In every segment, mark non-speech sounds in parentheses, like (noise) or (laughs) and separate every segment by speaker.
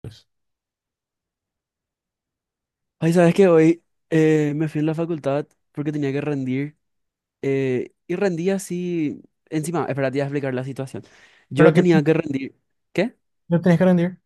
Speaker 1: Pues.
Speaker 2: Ay, ¿sabes que hoy me fui en la facultad porque tenía que rendir y rendí así? Encima, espera, te voy a explicar la situación.
Speaker 1: ¿Pero
Speaker 2: Yo
Speaker 1: qué
Speaker 2: tenía que rendir. ¿Qué?
Speaker 1: no tenés que rendir?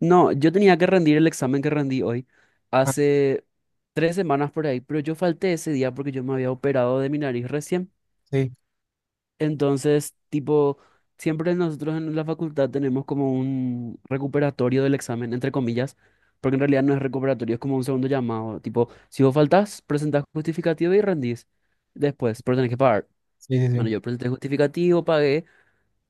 Speaker 2: No, yo tenía que rendir el examen que rendí hoy
Speaker 1: Ah,
Speaker 2: hace 3 semanas por ahí, pero yo falté ese día porque yo me había operado de mi nariz recién.
Speaker 1: sí,
Speaker 2: Entonces, tipo, siempre nosotros en la facultad tenemos como un recuperatorio del examen, entre comillas, porque en realidad no es recuperatorio, es como un segundo llamado. Tipo, si vos faltás, presentás justificativo y rendís. Después, pero tenés que pagar.
Speaker 1: sí, sí, sí.
Speaker 2: Bueno, yo presenté justificativo, pagué,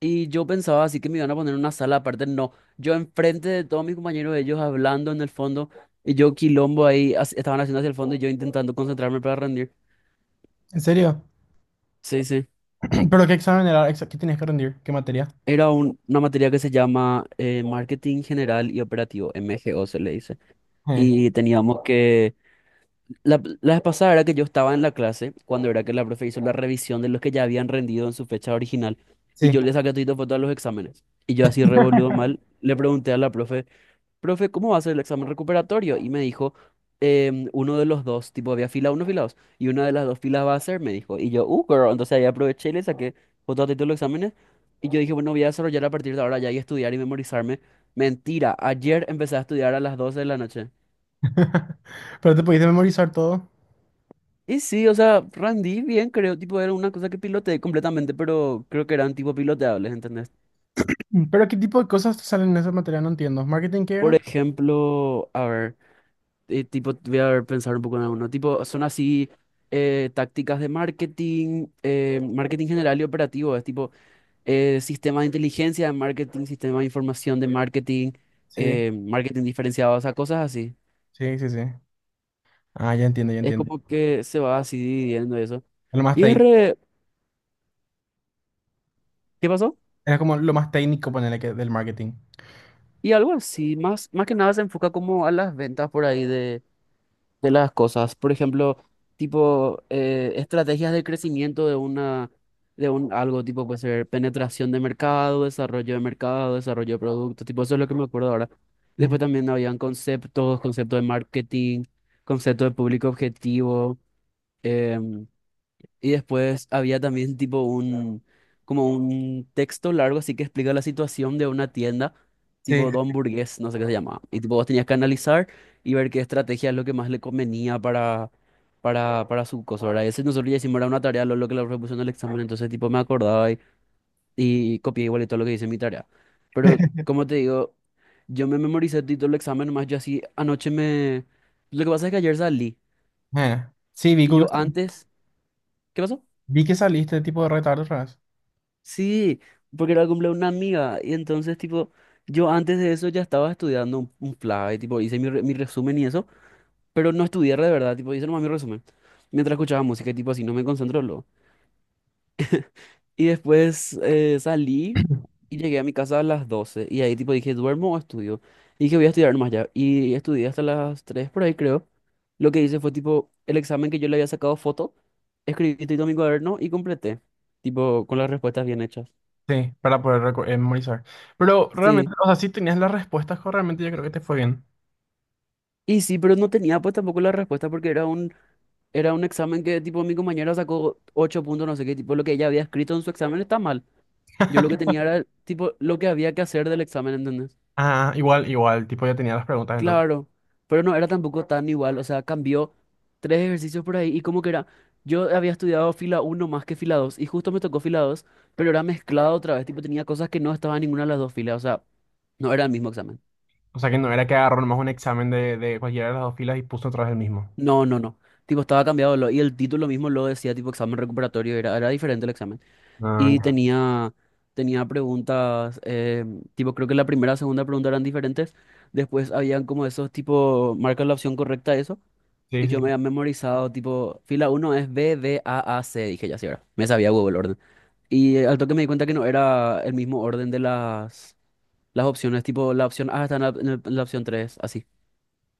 Speaker 2: y yo pensaba así que me iban a poner en una sala aparte. No, yo enfrente de todos mis compañeros, ellos hablando en el fondo, y yo quilombo ahí, estaban haciendo hacia el fondo y yo intentando concentrarme para rendir.
Speaker 1: ¿En serio?
Speaker 2: Sí, sí.
Speaker 1: (clears throat) ¿Pero qué examen era? Exa- ¿Qué tienes que rendir? ¿Qué materia?
Speaker 2: Era una materia que se llama Marketing General y Operativo, MGO se le dice.
Speaker 1: Eh,
Speaker 2: Y teníamos que... La vez pasada era que yo estaba en la clase, cuando era que la profe hizo la revisión de los que ya habían rendido en su fecha original. Y
Speaker 1: sí.
Speaker 2: yo le saqué todo foto a los exámenes. Y yo así revoludo
Speaker 1: (laughs)
Speaker 2: mal, le pregunté a la profe, profe, ¿cómo va a ser el examen recuperatorio? Y me dijo, uno de los dos, tipo, había fila uno, fila dos, y una de las dos filas va a ser, me dijo. Y yo, girl, entonces ahí aproveché y le saqué fotos de todos los exámenes. Y yo dije, bueno, voy a desarrollar a partir de ahora ya y estudiar y memorizarme. Mentira, ayer empecé a estudiar a las 12 de la noche.
Speaker 1: Pero te pudiste memorizar todo.
Speaker 2: Y sí, o sea, rendí bien, creo, tipo, era una cosa que piloteé completamente, pero creo que eran tipo piloteables, ¿entendés?
Speaker 1: ¿Pero qué tipo de cosas te salen en esa materia? No entiendo. ¿Marketing qué
Speaker 2: Por
Speaker 1: era?
Speaker 2: ejemplo, a ver. Tipo, voy a ver, pensar un poco en alguno. Tipo, son así tácticas de marketing, marketing general y operativo. Es tipo sistema de inteligencia de marketing, sistema de información de marketing,
Speaker 1: Sí,
Speaker 2: marketing diferenciado, o sea, cosas así.
Speaker 1: sí, sí, sí. Ah, ya entiendo, ya
Speaker 2: Es
Speaker 1: entiendo.
Speaker 2: como que se va así dividiendo eso.
Speaker 1: Lo más
Speaker 2: Y es
Speaker 1: técnico.
Speaker 2: re- ¿Qué pasó?
Speaker 1: Era como lo más técnico, ponerle que del marketing.
Speaker 2: Y algo así, más, más que nada se enfoca como a las ventas por ahí de las cosas. Por ejemplo, tipo estrategias de crecimiento de una de un algo tipo puede ser penetración de mercado, desarrollo de mercado, desarrollo de producto, tipo eso es lo que me acuerdo ahora. Después
Speaker 1: Ujú.
Speaker 2: también habían conceptos, conceptos de marketing, concepto de público objetivo. em, y después había también tipo como un texto largo así que explica la situación de una tienda,
Speaker 1: Sí.
Speaker 2: tipo Don Burgués, no sé qué se llamaba. Y tipo vos tenías que analizar y ver qué estrategia es lo que más le convenía para su cosa, ¿verdad? Y ese nosotros ya hicimos era una tarea, lo que le propusieron en el examen, entonces tipo me acordaba y copié igual y todo lo que dice mi tarea. Pero
Speaker 1: (laughs)
Speaker 2: como te digo, yo me memoricé todo el examen, nomás yo así anoche me... Lo que pasa es que ayer salí
Speaker 1: Bueno, sí,
Speaker 2: y yo antes... ¿Qué pasó?
Speaker 1: vi que saliste tipo de retardo otra vez.
Speaker 2: Sí, porque era el cumpleaños de una amiga. Y entonces, tipo, yo antes de eso ya estaba estudiando un fly, tipo, hice mi resumen y eso, pero no estudié de verdad, tipo, hice nomás mi resumen. Mientras escuchaba música y tipo así, no me concentro luego. Y después salí y llegué a mi casa a las 12. Y ahí tipo dije, ¿duermo o estudio? Y dije, voy a estudiar nomás ya. Y estudié hasta las 3 por ahí, creo. Lo que hice fue tipo, el examen que yo le había sacado foto, escribí todo en mi cuaderno y completé, tipo, con las respuestas bien hechas.
Speaker 1: Sí, para poder reco- memorizar. Pero realmente,
Speaker 2: Sí.
Speaker 1: o sea, si tenías las respuestas correctamente, yo creo que te fue bien.
Speaker 2: Y sí, pero no tenía pues tampoco la respuesta porque era un examen que tipo mi compañera sacó 8 puntos, no sé qué, tipo lo que ella había escrito en su examen está mal. Yo lo que tenía era tipo lo que había que hacer del examen, ¿entendés?
Speaker 1: Ah, igual, igual, tipo ya tenía las preguntas entonces.
Speaker 2: Claro, pero no era tampoco tan igual, o sea, cambió tres ejercicios por ahí y como que era, yo había estudiado fila uno más que fila 2 y justo me tocó fila dos, pero era mezclado otra vez, tipo tenía cosas que no estaban en ninguna de las dos filas, o sea, no era el mismo examen.
Speaker 1: O sea que no era que agarró nomás un examen de cualquiera de las dos filas y puso otra vez el mismo.
Speaker 2: No, no, no. Tipo, estaba cambiado lo- y el título mismo lo decía, tipo examen recuperatorio, era diferente el examen.
Speaker 1: Ah,
Speaker 2: Y
Speaker 1: ya.
Speaker 2: tenía, preguntas, tipo, creo que la primera y segunda pregunta eran diferentes, después habían como esos tipo, marca la opción correcta eso,
Speaker 1: Sí,
Speaker 2: y
Speaker 1: sí,
Speaker 2: yo me
Speaker 1: sí.
Speaker 2: había memorizado, tipo, fila uno es B, D, A, C, dije ya, sí, ahora, me sabía Google el orden. Y al toque me di cuenta que no era el mismo orden de las opciones, tipo, la opción A está en la, en la opción 3 así.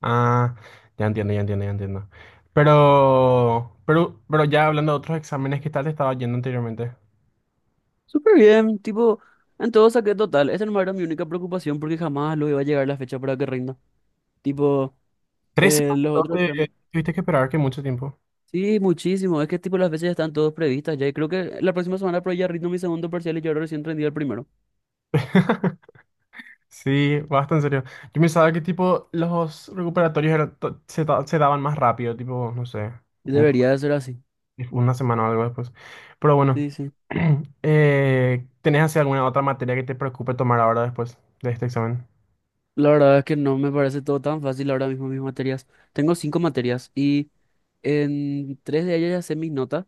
Speaker 1: Ah, ya entiendo, ya entiendo, ya entiendo. Pero ya hablando de otros exámenes, ¿qué tal te estaba yendo anteriormente?
Speaker 2: Súper bien, tipo. En todo saqué total. Esa no era mi única preocupación porque jamás lo iba a llegar la fecha para que rinda. Tipo,
Speaker 1: Tres semanas,
Speaker 2: los
Speaker 1: ¿no?
Speaker 2: otros exámenes.
Speaker 1: Tuviste que esperar que mucho tiempo.
Speaker 2: Sí, muchísimo. Es que tipo las veces están todas previstas ya. Y creo que la próxima semana por ahí ya rindo mi segundo parcial y yo ahora recién rendí el primero.
Speaker 1: (laughs) Sí, bastante serio. Yo pensaba que tipo los recuperatorios eran to- se, da- se daban más rápido, tipo, no sé,
Speaker 2: Y
Speaker 1: un-
Speaker 2: debería de ser así.
Speaker 1: una semana o algo después. Pero bueno,
Speaker 2: Sí, sí.
Speaker 1: (clears throat) ¿tenés así alguna otra materia que te preocupe tomar ahora después de este examen?
Speaker 2: La verdad es que no me parece todo tan fácil ahora mismo mis materias. Tengo cinco materias y en tres de ellas ya sé mis notas,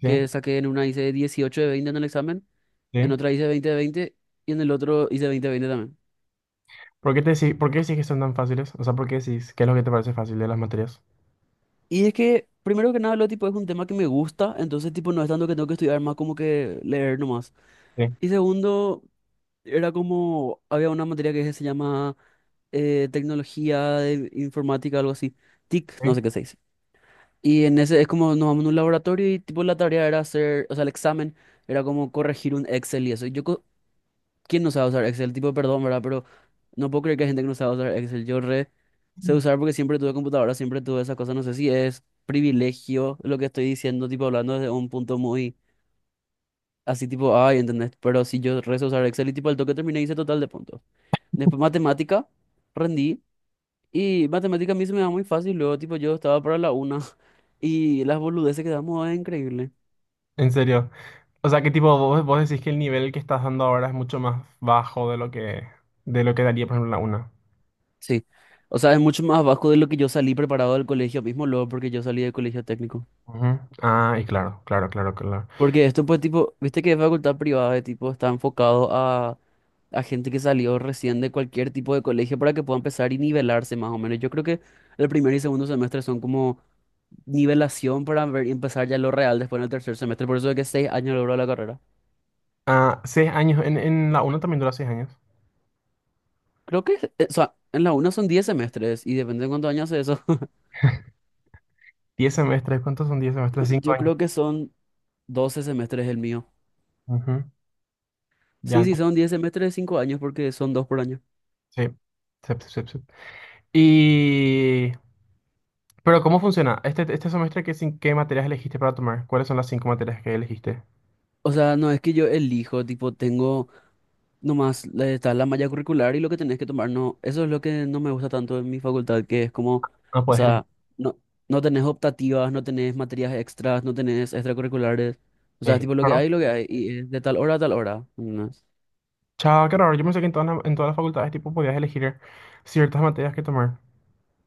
Speaker 1: Sí,
Speaker 2: que saqué en una hice 18 de 20 en el examen,
Speaker 1: sí.
Speaker 2: en otra hice 20 de 20 y en el otro hice 20 de 20 también.
Speaker 1: ¿Por qué te decí- por qué decís que son tan fáciles? O sea, ¿por qué decís qué es lo que te parece fácil de las materias?
Speaker 2: Y es que, primero que nada, lo tipo es un tema que me gusta, entonces tipo no es tanto que tengo que estudiar más como que leer nomás.
Speaker 1: Sí,
Speaker 2: Y segundo, era como, había una materia que se llama tecnología de informática, algo así, TIC, no
Speaker 1: sí.
Speaker 2: sé qué se dice. Y en ese es como nos vamos a un laboratorio y tipo la tarea era hacer, o sea, el examen era como corregir un Excel y eso. Y yo, co- ¿quién no sabe usar Excel? Tipo, perdón, ¿verdad? Pero no puedo creer que hay gente que no sabe usar Excel. Yo re sé usar porque siempre tuve computadora, siempre tuve esas cosas. No sé si es privilegio lo que estoy diciendo, tipo hablando desde un punto muy así, tipo, ay, ¿entendés? Pero si yo re sé usar Excel y tipo al toque terminé hice total de puntos. Después matemática, rendí. Y matemática a mí se me da muy fácil. Luego, tipo, yo estaba para la una. (laughs) Y las boludeces que damos es increíble.
Speaker 1: En serio. O sea, ¿qué tipo vos, vos decís que el nivel que estás dando ahora es mucho más bajo de lo que daría, por ejemplo, la una?
Speaker 2: Sí. O sea, es mucho más bajo de lo que yo salí preparado del colegio mismo, luego, porque yo salí del colegio técnico.
Speaker 1: Ujú. Ah, y claro, claro, claro, claro.
Speaker 2: Porque esto, pues, tipo, viste que es facultad privada, de tipo, está enfocado a gente que salió recién de cualquier tipo de colegio para que pueda empezar y nivelarse más o menos. Yo creo que el primer y segundo semestre son como nivelación para ver, empezar ya lo real después en el tercer semestre. Por eso es que 6 años logró la carrera.
Speaker 1: Ah, seis años, en la uno también dura seis años.
Speaker 2: Creo que, o sea, en la UNA son 10 semestres y depende de cuántos años es eso. (laughs)
Speaker 1: Diez semestres, ¿cuántos son diez semestres? Cinco
Speaker 2: Yo
Speaker 1: años.
Speaker 2: creo que son 12 semestres el mío.
Speaker 1: Ujú.
Speaker 2: Sí,
Speaker 1: Ya,
Speaker 2: sí, son 10 semestres de 5 años porque son 2 por año.
Speaker 1: sí. Sep, sep, sep, sep. Y... Pero ¿cómo funciona? Este semestre, ¿qué, cin- qué materias elegiste para tomar? ¿Cuáles son las cinco materias que elegiste?
Speaker 2: O sea, no es que yo elijo, tipo, tengo nomás, la- está la malla curricular y lo que tenés que tomar, no, eso es lo que no me gusta tanto en mi facultad, que es como,
Speaker 1: No
Speaker 2: o
Speaker 1: puedes elegir.
Speaker 2: sea, no, no tenés optativas, no tenés materias extras, no tenés extracurriculares, o sea, tipo,
Speaker 1: Claro.
Speaker 2: lo que hay, y es de tal hora a tal hora. No,
Speaker 1: Chao, qué raro. Yo pensé que en todas las facultades tipo podías elegir ciertas materias que tomar.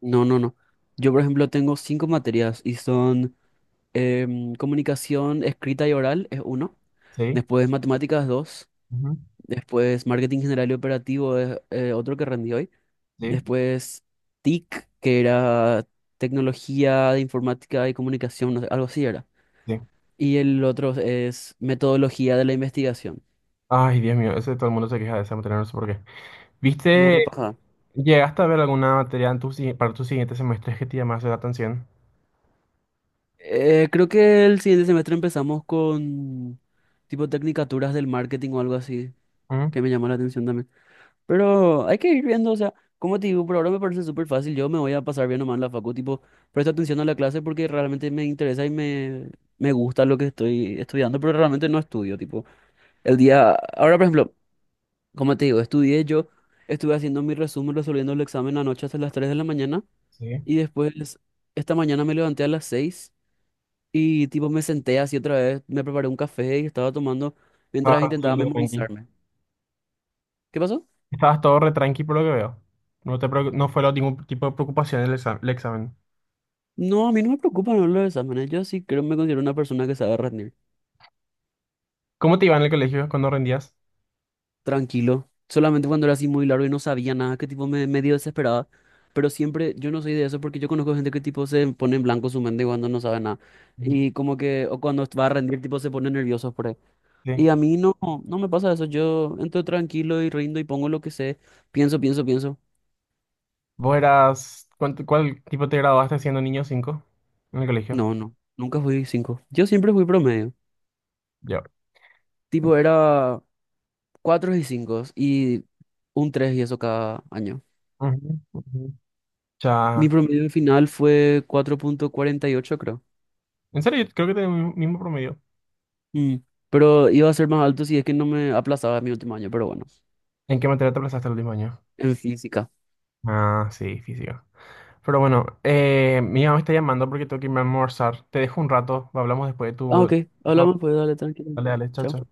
Speaker 2: no, no. No. Yo, por ejemplo, tengo 5 materias y son comunicación escrita y oral es uno.
Speaker 1: Sí.
Speaker 2: Después matemáticas dos.
Speaker 1: Ujú.
Speaker 2: Después marketing general y operativo es otro que rendí hoy.
Speaker 1: Sí,
Speaker 2: Después TIC, que era tecnología de informática y comunicación, no sé, algo así era.
Speaker 1: sí.
Speaker 2: Y el otro es metodología de la investigación.
Speaker 1: Ay, Dios mío, ese todo el mundo se queja de esa materia, no sé por qué.
Speaker 2: No
Speaker 1: ¿Viste?
Speaker 2: repasada.
Speaker 1: ¿Llegaste a ver alguna materia en tu si- para tus siguientes semestres que te llamase la atención?
Speaker 2: Creo que el siguiente semestre empezamos con tipo tecnicaturas del marketing o algo así,
Speaker 1: ¿Mm?
Speaker 2: que me llamó la atención también. Pero hay que ir viendo, o sea, como te digo, por ahora me parece súper fácil. Yo me voy a pasar bien nomás en la facu, tipo, presta atención a la clase porque realmente me interesa y me gusta lo que estoy estudiando, pero realmente no estudio, tipo, el día. Ahora, por ejemplo, como te digo, estudié yo, estuve haciendo mi resumen, resolviendo el examen anoche hasta las 3 de la mañana
Speaker 1: Sí.
Speaker 2: y después, esta mañana me levanté a las 6 y, tipo, me senté así otra vez, me preparé un café y estaba tomando mientras
Speaker 1: Estabas
Speaker 2: intentaba
Speaker 1: todo re tranqui.
Speaker 2: memorizarme. ¿Qué pasó?
Speaker 1: Estabas todo re tranqui por lo que veo. No te preocu- no fue ningún tipo de preocupación el exam- el examen.
Speaker 2: No, a mí no me preocupan no, los exámenes. Yo sí creo me considero una persona que sabe rendir.
Speaker 1: ¿Cómo te iba en el colegio cuando rendías?
Speaker 2: Tranquilo. Solamente cuando era así muy largo y no sabía nada, que tipo me medio desesperaba. Pero siempre, yo no soy de eso porque yo conozco gente que tipo se pone en blanco su mente cuando no sabe nada.
Speaker 1: Ujú.
Speaker 2: Y como que, o cuando va a rendir, tipo se pone nervioso por ahí. Y a
Speaker 1: Sí.
Speaker 2: mí no, no me pasa eso. Yo entro tranquilo y rindo y pongo lo que sé. Pienso, pienso, pienso.
Speaker 1: ¿Vos eras, cuánto- cuál, tipo te graduaste siendo niño 5 en el colegio?
Speaker 2: No, no. Nunca fui cinco. Yo siempre fui promedio.
Speaker 1: Yo.
Speaker 2: Tipo era cuatro y cinco y un tres y eso cada año.
Speaker 1: Ujú, ujú.
Speaker 2: Mi
Speaker 1: Ya.
Speaker 2: promedio final fue 4,48 creo.
Speaker 1: En serio, yo creo que tengo el mismo promedio.
Speaker 2: Mm. Pero iba a ser más alto si es que no me aplazaba mi último año, pero bueno,
Speaker 1: ¿En qué materia te aplazaste el último año?
Speaker 2: en física.
Speaker 1: Ah, sí, física. Pero bueno, mi mamá me está llamando porque tengo que irme a almorzar. Te dejo un rato, hablamos después de
Speaker 2: Ah,
Speaker 1: tu...
Speaker 2: ok,
Speaker 1: Ah,
Speaker 2: hablamos pues, dale, tranquilo.
Speaker 1: dale, dale, chao,
Speaker 2: Chao.
Speaker 1: chao.